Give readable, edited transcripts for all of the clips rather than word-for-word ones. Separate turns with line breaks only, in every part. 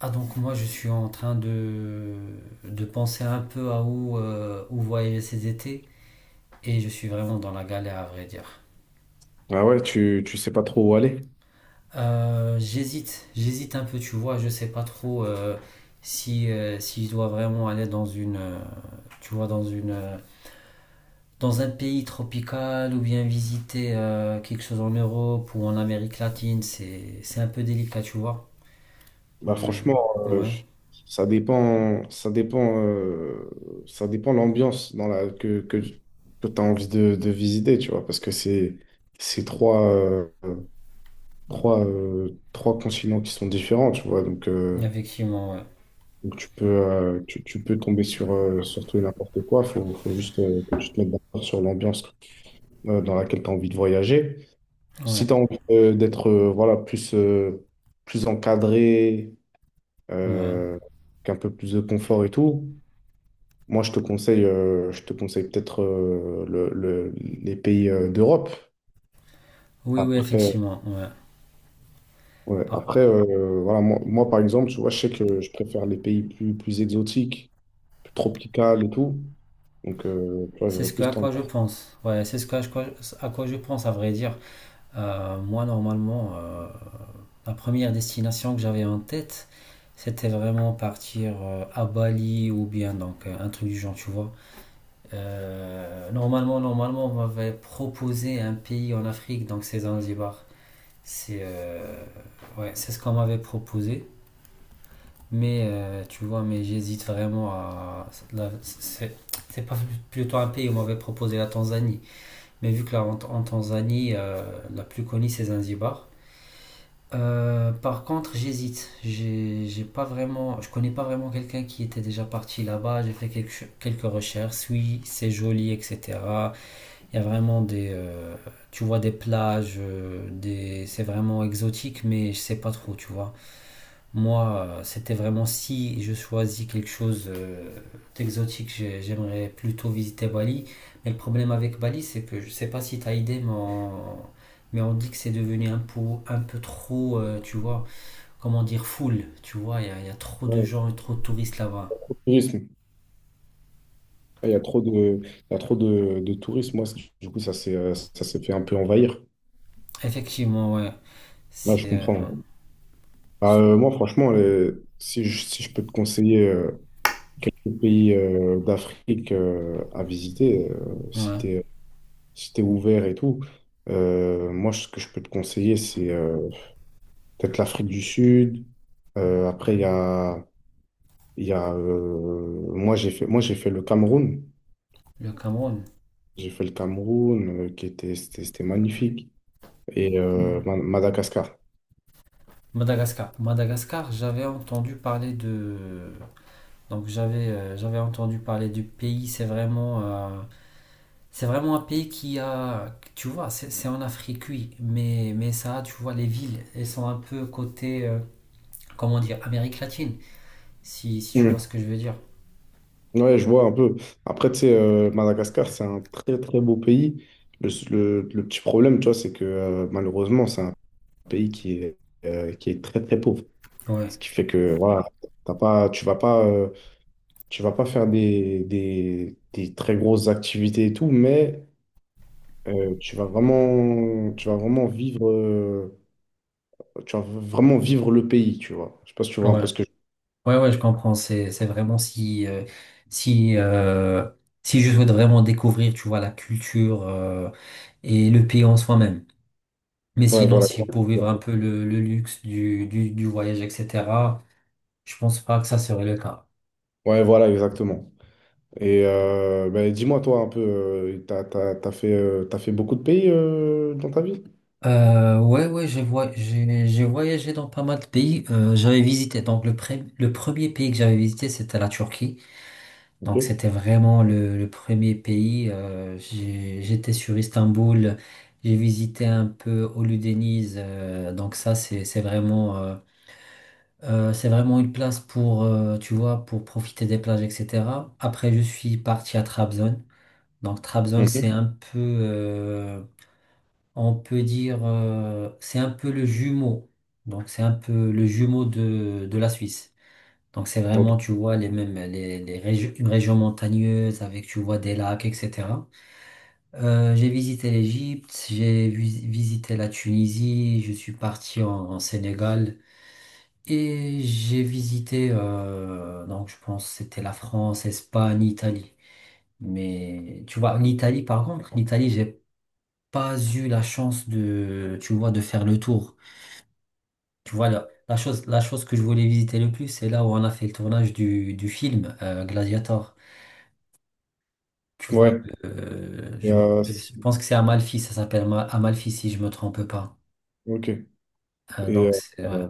Donc moi je suis en train de penser un peu à où voyager ces étés et je suis vraiment dans la galère à vrai dire.
Ah ouais, tu sais pas trop où aller.
J'hésite un peu tu vois, je sais pas trop si je dois vraiment aller dans une tu vois dans une dans un pays tropical ou bien visiter quelque chose en Europe ou en Amérique latine, c'est un peu délicat tu vois.
Bah
Je-
franchement, euh,
Ouais,
ça dépend, ça dépend, euh, ça dépend l'ambiance dans la que tu as envie de visiter, tu vois, parce que c'est trois, trois continents qui sont différents, tu vois.
effectivement ouais.
Donc tu peux tu peux tomber sur sur tout et n'importe quoi. Faut juste que tu te mettes d'accord sur l'ambiance dans laquelle tu as envie de voyager.
Ouais,
Si tu as envie d'être voilà, plus plus encadré
ouais.
euh, qu'un peu plus de confort et tout. Moi, je te conseille peut-être les pays d'Europe.
Oui, oui,
Après,
effectivement ouais.
ouais,
Par
après voilà, moi, moi, par exemple, tu vois, je sais que je préfère les pays plus, plus exotiques, plus tropicales et tout. Donc, tu vois,
C'est
j'aurais
ce que,
plus
à quoi je
tendance
pense. Ouais, c'est ce à quoi je pense, à vrai dire. Normalement, la première destination que j'avais en tête, c'était vraiment partir à Bali ou bien un truc du genre, tu vois. Normalement, on m'avait proposé un pays en Afrique, donc c'est Zanzibar. C'est Ouais, c'est ce qu'on m'avait proposé. Mais tu vois, mais j'hésite vraiment à la- C'est c'est pas plutôt un pays où on m'avait proposé la Tanzanie. Mais vu que là, en Tanzanie, la plus connue, c'est Zanzibar. Par contre, j'hésite. J'ai pas vraiment, je connais pas vraiment quelqu'un qui était déjà parti là-bas. J'ai fait quelques recherches. Oui, c'est joli, etc. Il y a vraiment tu vois, des plages, c'est vraiment exotique, mais je sais pas trop, tu vois. Moi, C'était vraiment si je choisis quelque chose d'exotique, j'aimerais plutôt visiter Bali. Mais le problème avec Bali, c'est que je ne sais pas si tu as idée, mais on dit que c'est devenu un peu trop, tu vois, comment dire, full. Tu vois, y a trop de
ouais,
gens et trop de touristes là-bas.
au tourisme. Il y a trop de tourisme. Moi, c'est- du coup, ça s'est fait un peu envahir.
Effectivement, ouais.
Là, je
C'est
comprends. Bah, moi, franchement, si je, si je peux te conseiller quelques pays d'Afrique à visiter, si
Ouais.
t'es, si t'es ouvert et tout. Moi, ce que je peux te conseiller, c'est peut-être l'Afrique du Sud. Après, il y a moi, moi, j'ai fait le Cameroun.
Le Cameroun.
J'ai fait le Cameroun, c'était magnifique. Et Madagascar.
Madagascar. Madagascar, j'avais entendu parler de… Donc j'avais j'avais entendu parler du pays, c'est vraiment… c'est vraiment un pays qui a, tu vois, c'est en Afrique, oui, mais ça, tu vois, les villes, elles sont un peu côté, comment dire, Amérique latine, si tu vois
Mm.
ce que je veux dire.
Ouais, je vois un peu. Après, tu sais, Madagascar, c'est un très très beau pays. Le petit problème, tu vois, c'est que malheureusement, c'est un pays qui est très très pauvre.
Ouais,
Ce qui fait que voilà, t'as pas, tu vas pas, tu vas pas faire des très grosses activités et tout, mais tu vas vraiment vivre, tu vas vraiment vivre le pays, tu vois. Je sais pas si tu
ouais,
vois un peu ce que je...
ouais, je comprends, c'est vraiment si, euh, si je souhaite vraiment découvrir, tu vois, la culture, et le pays en soi-même. Mais
Ouais,
sinon,
voilà.
si pour vivre un peu le luxe du voyage, etc., je pense pas que ça serait le cas.
Ouais, voilà, exactement. Et ben, dis-moi, toi, un peu, t'as fait beaucoup de pays dans ta vie?
Ouais, j'ai voyagé dans pas mal de pays. J'avais visité, le premier pays que j'avais visité, c'était la Turquie. Donc
Ok.
c'était vraiment le premier pays. J'étais sur Istanbul, j'ai visité un peu Hollu Deniz. C'est c'est vraiment une place pour, tu vois, pour profiter des plages, etc. Après, je suis parti à Trabzon. Donc Trabzon, c'est
Mhm.
un peu… on peut dire, c'est un peu le jumeau. Donc, c'est un peu le jumeau de la Suisse. Donc, c'est
Ok.
vraiment, tu vois, les mêmes, les régions, une région montagneuse avec, tu vois, des lacs, etc. J'ai visité l'Égypte, visité la Tunisie, je suis parti en Sénégal et j'ai visité, donc, je pense que c'était la France, Espagne, Italie. Mais, tu vois, l'Italie, par contre, l'Italie, j'ai pas eu la chance de, tu vois, de faire le tour. Tu vois, la chose que je voulais visiter le plus, c'est là où on a fait le tournage du film Gladiator. Tu vois,
Ouais. Et,
je pense que c'est Amalfi, ça s'appelle Amalfi si je me trompe pas.
ok. Et,
Donc, c'est, ouais,
euh,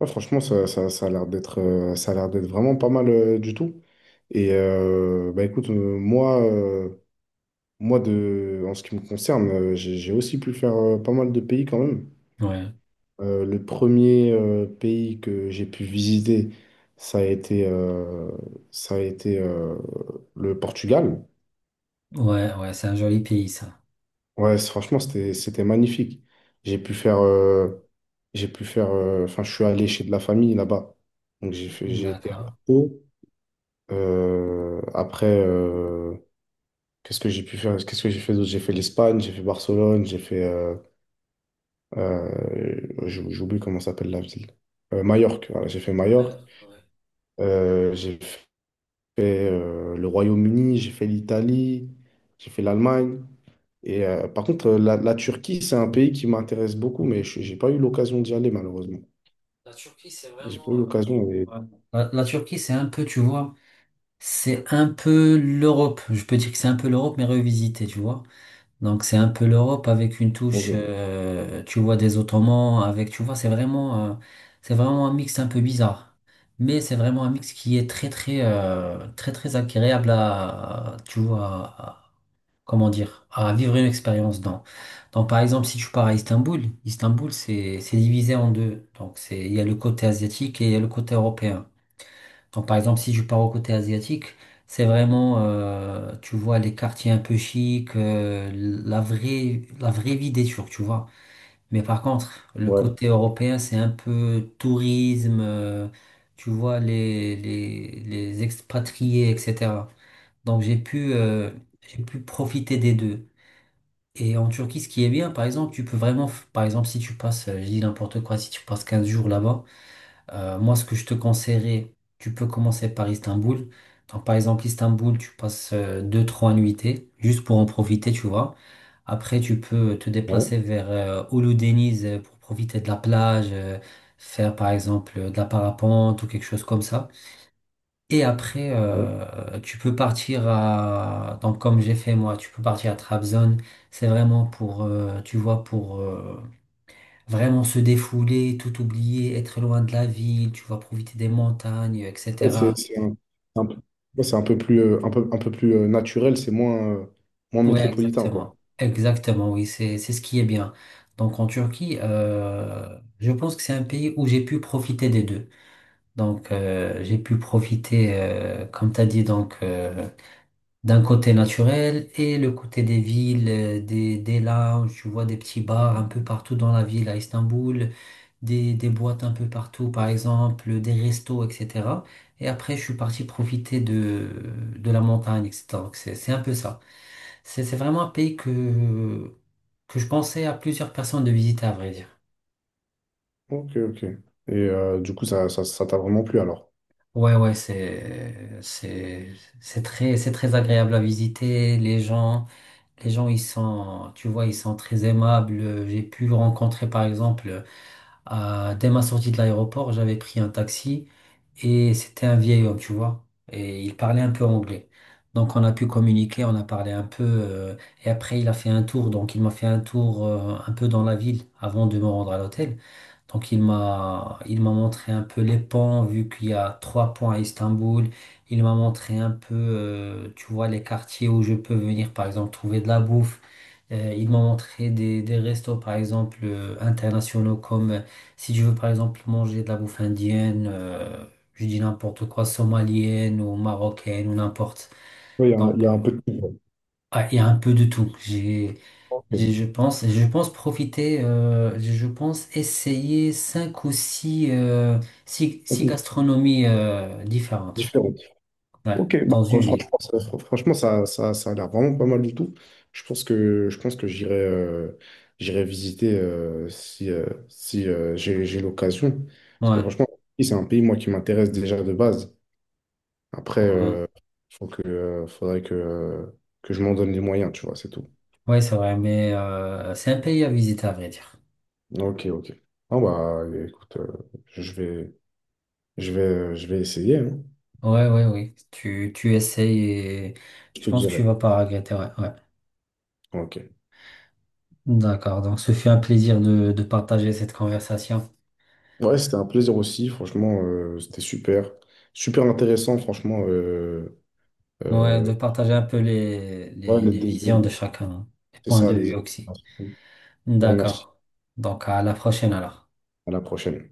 ouais, franchement, ça a l'air d'être ça a l'air d'être vraiment pas mal du tout. Et bah écoute, moi de, en ce qui me concerne, j'ai aussi pu faire pas mal de pays quand même.
ouais,
Le premier pays que j'ai pu visiter, ça a été, euh, ça a été le Portugal.
ouais, Ouais, c'est un joli pays, ça.
Ouais, c'est- franchement, c'était, c'était magnifique. J'ai pu faire, euh, j'ai pu faire, enfin, je suis allé chez de la famille là-bas. Donc j'ai fait- j'ai été à
D'accord.
Porto. Après, qu'est-ce que j'ai pu faire? Qu'est-ce que j'ai fait d'autre? J'ai fait l'Espagne, j'ai fait Barcelone, j'ai fait. Euh, J'oublie comment s'appelle la ville. Majorque, voilà, j'ai fait Majorque.
Mallorca, ouais.
J'ai fait le Royaume-Uni, j'ai fait l'Italie, j'ai fait l'Allemagne. Et par contre, la Turquie, c'est un pays qui m'intéresse beaucoup, mais je n'ai pas eu l'occasion d'y aller, malheureusement.
La Turquie, c'est
J'ai pas
vraiment…
eu l'occasion. Et...
ouais. La Turquie, c'est un peu, tu vois, c'est un peu l'Europe. Je peux dire que c'est un peu l'Europe, mais revisité, tu vois. Donc c'est un peu l'Europe avec une touche,
Ok.
tu vois, des Ottomans, avec, tu vois, c'est vraiment un mix un peu bizarre. Mais c'est vraiment un mix qui est très, très agréable à, tu vois, à comment dire, à vivre une expérience dans. Donc par exemple, si tu pars à Istanbul, Istanbul, c'est divisé en deux. Donc c'est, il y a le côté asiatique et il y a le côté européen. Quand, par exemple, si je pars au côté asiatique, c'est vraiment, tu vois, les quartiers un peu chics, euh, la vraie vie des Turcs, tu vois. Mais par contre, le
Ouais,
côté européen, c'est un peu tourisme, tu vois, les expatriés, etc. Donc, j'ai pu, profiter des deux. Et en Turquie, ce qui est bien, par exemple, tu peux vraiment, par exemple, si tu passes, je dis n'importe quoi, si tu passes 15 jours là-bas, moi, ce que je te conseillerais, tu peux commencer par Istanbul. Donc, par exemple, Istanbul, tu passes 2, 3 nuitées juste pour en profiter, tu vois. Après, tu peux te
ouais,
déplacer vers Uludeniz pour profiter de la plage, faire par exemple de la parapente ou quelque chose comme ça. Et après,
ouais.
tu peux partir à… Donc, comme j'ai fait moi, tu peux partir à Trabzon. C'est vraiment pour, tu vois, pour… vraiment se défouler, tout oublier, être loin de la ville, tu vas profiter des montagnes,
Ouais, c'est
etc.
c'est un peu ouais, c'est un peu plus, un peu plus naturel, c'est moins, moins
Ouais,
métropolitain, quoi.
exactement. Exactement, oui, c'est ce qui est bien. Donc en Turquie, je pense que c'est un pays où j'ai pu profiter des deux. Donc j'ai pu profiter, comme tu as dit, donc d'un côté naturel et le côté des villes, euh, des lounges, tu vois des petits bars un peu partout dans la ville à Istanbul. Des boîtes un peu partout, par exemple, des restos, etc. Et après, je suis parti profiter de la montagne, etc. Donc, c'est un peu ça. C'est vraiment un pays que je pensais à plusieurs personnes de visiter, à vrai dire.
Ok, ok. Et du coup, ça t'a vraiment plu alors?
Ouais, ouais, c'est, c'est, c'est très, c'est très agréable à visiter. Les gens, ils sont, tu vois, ils sont très aimables. J'ai pu rencontrer, par exemple, dès ma sortie de l'aéroport, j'avais pris un taxi et c'était un vieil homme, tu vois. Et il parlait un peu anglais. Donc on a pu communiquer, on a parlé un peu. Et après, il a fait un tour. Donc il m'a fait un tour un peu dans la ville avant de me rendre à l'hôtel. Donc il m'a montré un peu les ponts, vu qu'il y a 3 ponts à Istanbul. Il m'a montré un peu, tu vois, les quartiers où je peux venir, par exemple, trouver de la bouffe. Il m'a montré des restos, par exemple, internationaux, comme si je veux, par exemple, manger de la bouffe indienne, je dis n'importe quoi, somalienne ou marocaine ou n'importe.
Oui, il y a, un il y
Donc,
a un peu de tout. Ouais.
ah, il y a un peu de tout. J'ai
Ok.
et je pense profiter, je pense essayer 5 ou 6,
Un
six
peu
gastronomies différentes.
différente.
Ouais,
Ok, bah,
dans une ville.
franchement, ça, franchement, ça a l'air vraiment pas mal du tout. Je pense que j'irai j'irai visiter si j'ai l'occasion. Parce que
Ouais,
franchement, c'est un pays, moi, qui m'intéresse déjà de base. Après,
ouais.
faudrait que je m'en donne les moyens, tu vois, c'est tout.
Ouais, c'est vrai, mais c'est un pays à visiter, à vrai dire.
Ok, ok. Ah bah, écoute, je vais, je vais essayer, hein.
Ouais, ouais, oui. Tu essayes et
Je
je
te
pense que tu
dirai.
vas pas regretter. Ouais, ouais.
Ok.
D'accord, donc ce fut un plaisir de partager cette conversation.
Ouais, c'était un plaisir aussi, franchement, c'était super. Super intéressant, franchement.
Ouais,
Euh,
de partager un peu
ouais,
les visions de chacun, hein, les
c'est
points
ça,
de
les...
vue
Je
aussi.
te remercie.
D'accord. Donc à la prochaine alors.
À la prochaine.